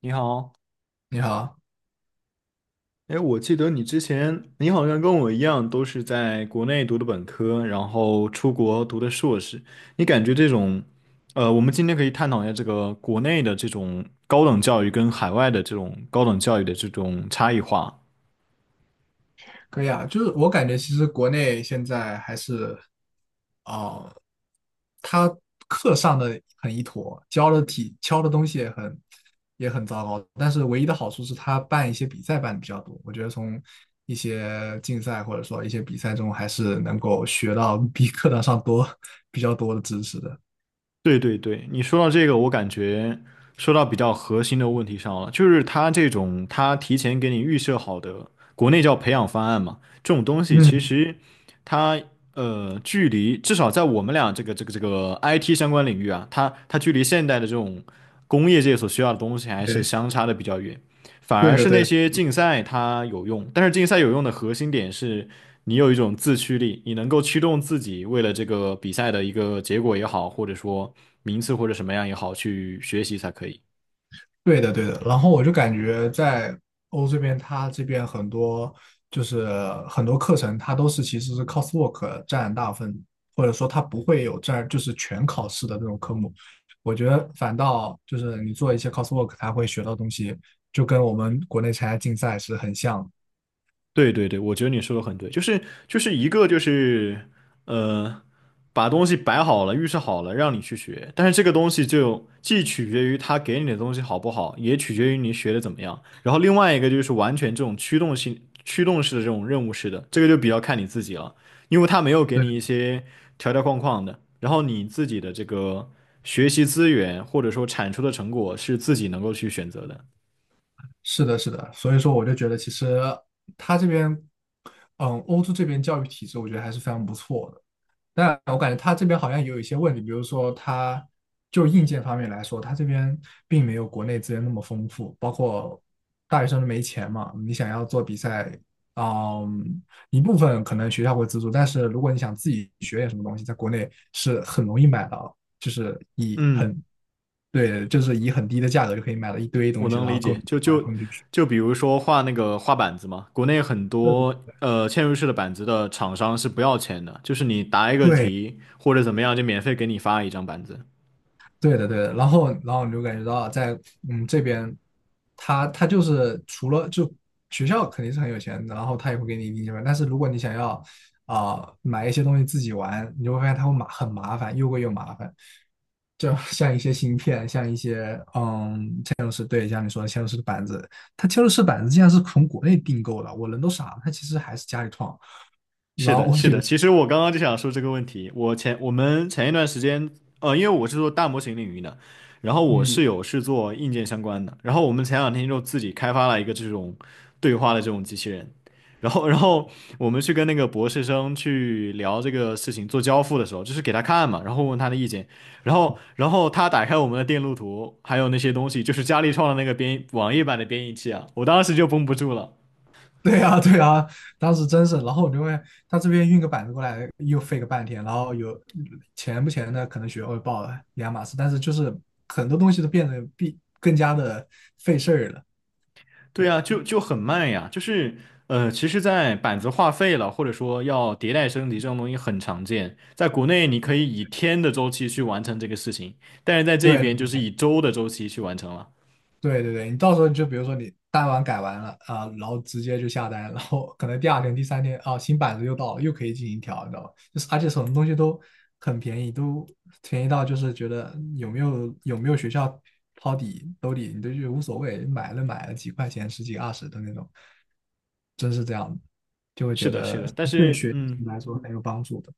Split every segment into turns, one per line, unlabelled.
你好。
你好。
哎，我记得你之前，你好像跟我一样，都是在国内读的本科，然后出国读的硕士。你感觉这种，我们今天可以探讨一下这个国内的这种高等教育跟海外的这种高等教育的这种差异化。
可以啊，就是我感觉其实国内现在还是哦，呃他课上的很一坨，教的东西也很糟糕，但是唯一的好处是他办一些比赛办的比较多。我觉得从一些竞赛或者说一些比赛中还是能够学到比课堂上多 比较多的知识的。
对对对，你说到这个，我感觉说到比较核心的问题上了，就是他这种他提前给你预设好的，国内叫培养方案嘛，这种东西其
嗯。
实它距离至少在我们俩这个 IT 相关领域啊，它距离现代的这种工业界所需要的东西还是
对。
相差的比较远，反
对
而
的，
是
对
那
的。
些竞赛它有用，但是竞赛有用的核心点是你有一种自驱力，你能够驱动自己为了这个比赛的一个结果也好，或者说名次或者什么样也好，去学习才可以。
对的，对的。然后我就感觉在欧这边，它这边就是很多课程，它都是其实是 coursework 占大部分，或者说它不会有占就是全考试的那种科目。我觉得反倒就是你做一些 coursework,它会学到东西，就跟我们国内参加竞赛是很像。
对对对，我觉得你说的很对，就是就是一个就是呃，把东西摆好了，预设好了，让你去学，但是这个东西就既取决于他给你的东西好不好，也取决于你学的怎么样。然后另外一个就是完全这种驱动性、驱动式的这种任务式的，这个就比较看你自己了，因为他没有给
对。
你一些条条框框的，然后你自己的这个学习资源或者说产出的成果是自己能够去选择的。
是的，是的。所以说，我就觉得其实它这边，欧洲这边教育体制，我觉得还是非常不错的。但我感觉他这边好像也有一些问题，比如说他就硬件方面来说，他这边并没有国内资源那么丰富，包括大学生都没钱嘛。你想要做比赛，嗯，一部分可能学校会资助。但是如果你想自己学点什么东西，在国内是很容易买到，就是以
嗯。
很，对，就是以很低的价格就可以买到一堆
我
东西，
能
然
理
后供
解，
你
就
玩，
就
供你去学。
就比如说画那个画板子嘛，国内很多嵌入式的板子的厂商是不要钱的，就是你答一个
对，
题或者怎么样，就免费给你发一张板子。
对的，对的。然后你就感觉到在这边，他就是除了就学校肯定是很有钱，然后他也会给你一定钱吧。但是如果你想要买一些东西自己玩，你就会发现他会很麻烦，又贵又麻烦。就 像一些芯片，像一些嵌入式，对，像你说的嵌入式的板子，它嵌入式板子竟然是从国内订购的，我人都傻了，它其实还是家里创。
是
然后
的，
我
是
就
的。其实我刚刚就想说这个问题。我们前一段时间，因为我是做大模型领域的，然后我室
嗯，
友是做硬件相关的，然后我们前两天就自己开发了一个这种对话的这种机器人，然后我们去跟那个博士生去聊这个事情，做交付的时候，就是给他看嘛，然后问他的意见，然后他打开我们的电路图，还有那些东西，就是佳立创的那个编译网页版的编译器啊，我当时就绷不住了。
对啊，对啊。当时真是，然后我就会他这边运个板子过来，又费个半天，然后有钱不钱的，可能学会报了两码事，但是就是很多东西都变得比更加的费事儿了。
对呀，
对
就很慢呀，就是其实，在板子画废了，或者说要迭代升级这种东西很常见，在国内你可以以天的周期去完成这个事情，但是在这
对，
边就是以周的周期去完成了。
对对对。你到时候就比如说你改完了啊、然后直接就下单，然后可能第二天、第三天啊、新板子又到了，又可以进行调，你知道吧？就是而且什么东西都很便宜，都便宜到就是觉得有没有学校掏底兜底，你都就无所谓，买了买了几块钱、十几二十的那种，真是这样的就会
是
觉
的，是
得
的，但
对
是
学习
嗯，
来说很有帮助的。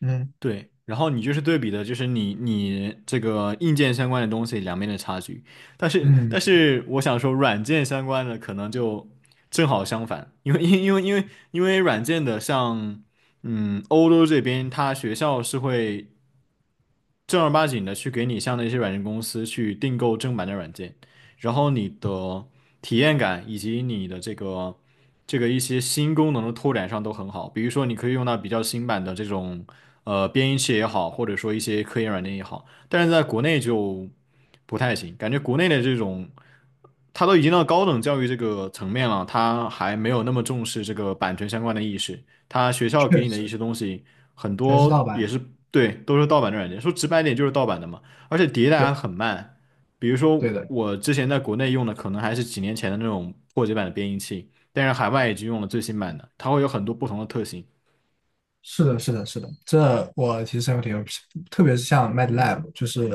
嗯
对，然后你就是对比的，就是你这个硬件相关的东西两边的差距，但是但
嗯。
是我想说，软件相关的可能就正好相反，因为软件的像嗯欧洲这边，它学校是会正儿八经的去给你像那些软件公司去订购正版的软件，然后你的体验感以及你的这个这个一些新功能的拓展上都很好。比如说，你可以用到比较新版的这种编译器也好，或者说一些科研软件也好，但是在国内就不太行，感觉国内的这种。他都已经到高等教育这个层面了，他还没有那么重视这个版权相关的意识。他学校给
确
你的一
实，
些东西，很
全是盗
多
版。
也是对，都是盗版的软件。说直白点就是盗版的嘛，而且迭代还很
对，
慢。比如说
对的。
我之前在国内用的，可能还是几年前的那种破解版的编译器，但是海外已经用了最新版的，它会有很多不同的特性。
是的，是的，是的，这我其实深有体会，特别是像 MATLAB,就是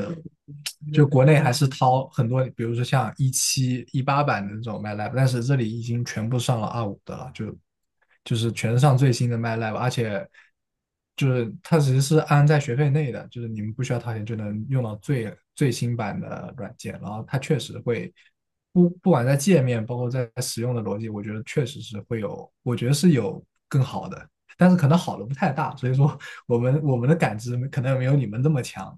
就国内还是掏很多，比如说像17、18版的那种 MATLAB,但是这里已经全部上了25的了，就是全上最新的 MATLAB。而且就是它其实是安在学费内的，就是你们不需要掏钱就能用到最最新版的软件，然后它确实会不管在界面，包括在使用的逻辑，我觉得确实是会有，我觉得是有更好的。但是可能好的不太大，所以说我们的感知可能没有你们这么强。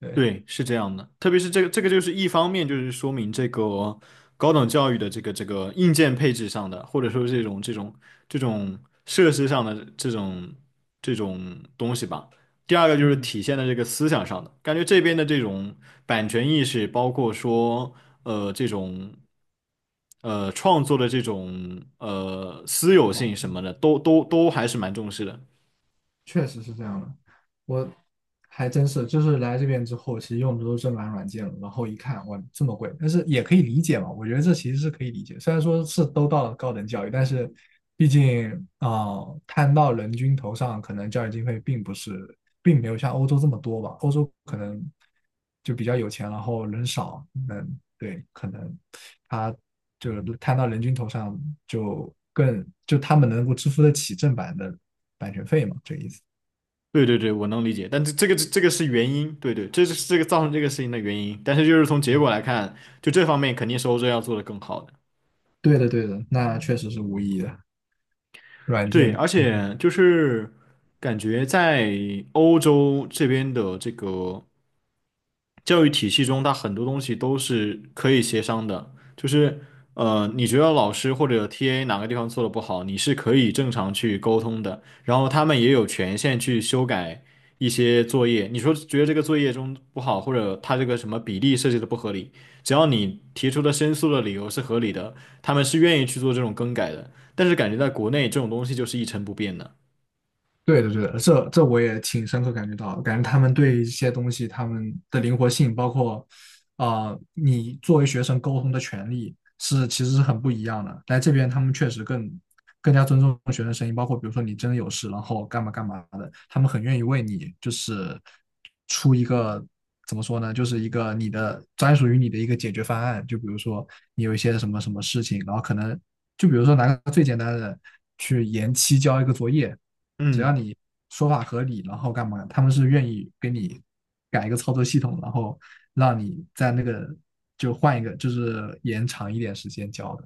对。
对，是这样的，特别是这个，这个就是一方面，就是说明这个高等教育的这个这个硬件配置上的，或者说这种这种这种设施上的这种这种东西吧。第二个就是
嗯，
体现在这个思想上的，感觉这边的这种版权意识，包括说这种创作的这种私有性什
好。
么的，都还是蛮重视的。
确实是这样的。我还真是就是来这边之后，其实用的都是正版软件了，然后一看哇这么贵，但是也可以理解嘛，我觉得这其实是可以理解。虽然说是都到了高等教育，但是毕竟啊、摊到人均头上，可能教育经费并不是，并没有像欧洲这么多吧。欧洲可能就比较有钱，然后人少，嗯，对，可能他就是摊到人均头上就更就他们能够支付得起正版的版权费嘛，这个意思。
对对对，我能理解，但这个是原因，对对，这是这个造成这个事情的原因，但是就是从结果来看，就这方面肯定是欧洲要做的更好的。
对的，对的，那确实是无疑的。软
对，
件
而且就是感觉在欧洲这边的这个教育体系中，它很多东西都是可以协商的，就是你觉得老师或者 TA 哪个地方做的不好，你是可以正常去沟通的，然后他们也有权限去修改一些作业。你说觉得这个作业中不好，或者他这个什么比例设计的不合理，只要你提出的申诉的理由是合理的，他们是愿意去做这种更改的。但是感觉在国内这种东西就是一成不变的。
对的，对的，这这我也挺深刻感觉到的感觉他们对一些东西他们的灵活性，包括你作为学生沟通的权利是其实是很不一样的。来这边他们确实更加尊重学生声音，包括比如说你真的有事，然后干嘛干嘛的，他们很愿意为你就是出一个怎么说呢，就是一个你的专属于你的一个解决方案。就比如说你有一些什么什么事情，然后可能就比如说拿个最简单的去延期交一个作业。只要
嗯
你说法合理，然后干嘛，他们是愿意给你改一个操作系统，然后让你在那个就换一个，就是延长一点时间交的。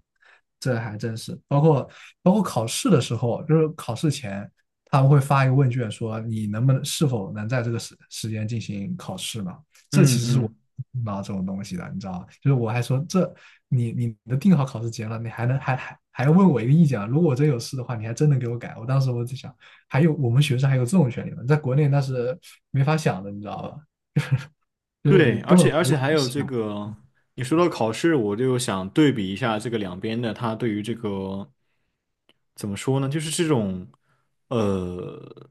这还真是，包括考试的时候，就是考试前他们会发一个问卷，说你能不能是否能在这个时间进行考试嘛？这其
嗯
实是我
嗯。
不到这种东西的，你知道吗？就是我还说这你都定好考试节了，你还能还要问我一个意见啊？如果我真有事的话，你还真能给我改？我当时我就想，还有我们学生还有这种权利吗？在国内那是没法想的，你知道吧？就是
对，
你
而
根
且
本
而
不
且
会
还有这
想。
个，你说到考试，我就想对比一下这个两边的，他对于这个。怎么说呢？就是这种呃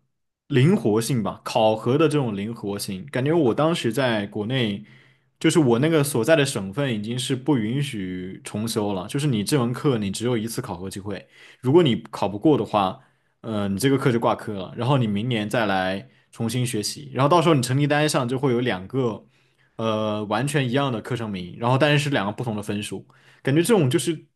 灵活性吧，考核的这种灵活性，感觉我当时在国内，就是我那个所在的省份已经是不允许重修了，就是你这门课你只有一次考核机会，如果你考不过的话，你这个课就挂科了，然后你明年再来重新学习，然后到时候你成绩单上就会有两个完全一样的课程名，然后但是是两个不同的分数，感觉这种就是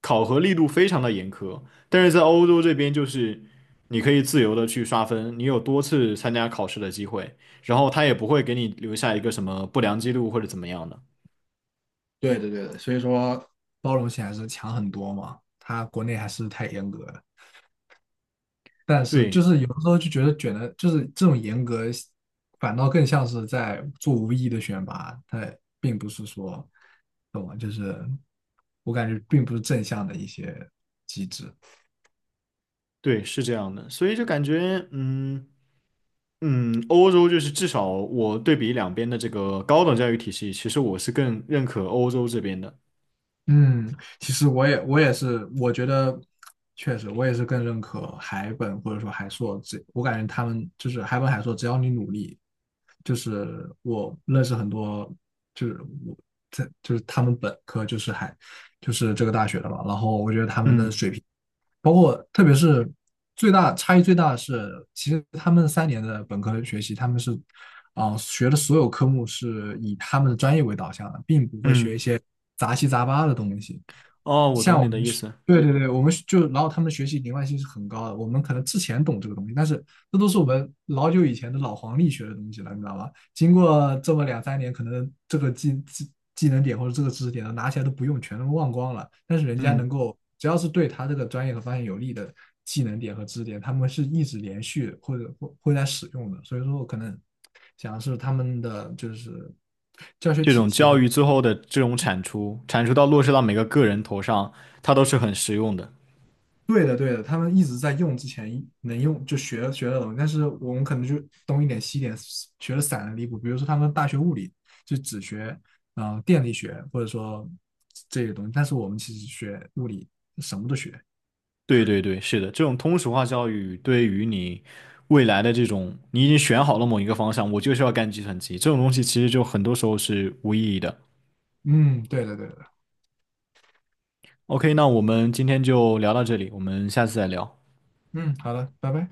考核力度非常的严苛。但是在欧洲这边，就是你可以自由的去刷分，你有多次参加考试的机会，然后他也不会给你留下一个什么不良记录或者怎么样的。
对对对的，所以说，包容性还是强很多嘛。他国内还是太严格了，但是就
对
是有的时候就觉得卷的，就是这种严格，反倒更像是在做无意义的选拔，它并不是说，懂吗？就是我感觉并不是正向的一些机制。
对，是这样的，所以就感觉，嗯嗯，欧洲就是至少我对比两边的这个高等教育体系，其实我是更认可欧洲这边的。
嗯。其实我也是，我觉得确实我也是更认可海本或者说海硕这。我感觉他们就是海本海硕，只要你努力，就是我认识很多，就是我在就是他们本科就是就是这个大学的嘛，然后我觉得他们的
嗯
水平，包括特别是最大的是，其实他们三年的本科学习，他们是学的所有科目是以他们的专业为导向的，并不会学
嗯，
一些杂七杂八的东西。
哦，我懂
像我
你
们
的意思。
对对对，我们然后他们学习灵外性是很高的。我们可能之前懂这个东西，但是那都是我们老久以前的老黄历学的东西了，你知道吧？经过这么两三年，可能这个技能点或者这个知识点拿起来都不用，全都忘光了。但是人家能
嗯，
够，只要是对他这个专业和方向有利的技能点和知识点，他们是一直连续或者会在使用的。所以说，我可能想的是他们的就是教学
这
体
种
系
教
或
育最后的这种产出，产出到落实到每个个人头上，它都是很实用的。
对的，对的，他们一直在用之前能用就学学的东西，但是我们可能就东一点西一点，学的散的离谱。比如说他们大学物理就只学电力学或者说这些东西，但是我们其实学物理什么都学。
对对对，是的，这种通俗化教育对于你未来的这种，你已经选好了某一个方向，我就是要干计算机，这种东西其实就很多时候是无意义的。
嗯，对的，对的，
OK，那我们今天就聊到这里，我们下次再聊。
嗯，好的，拜拜。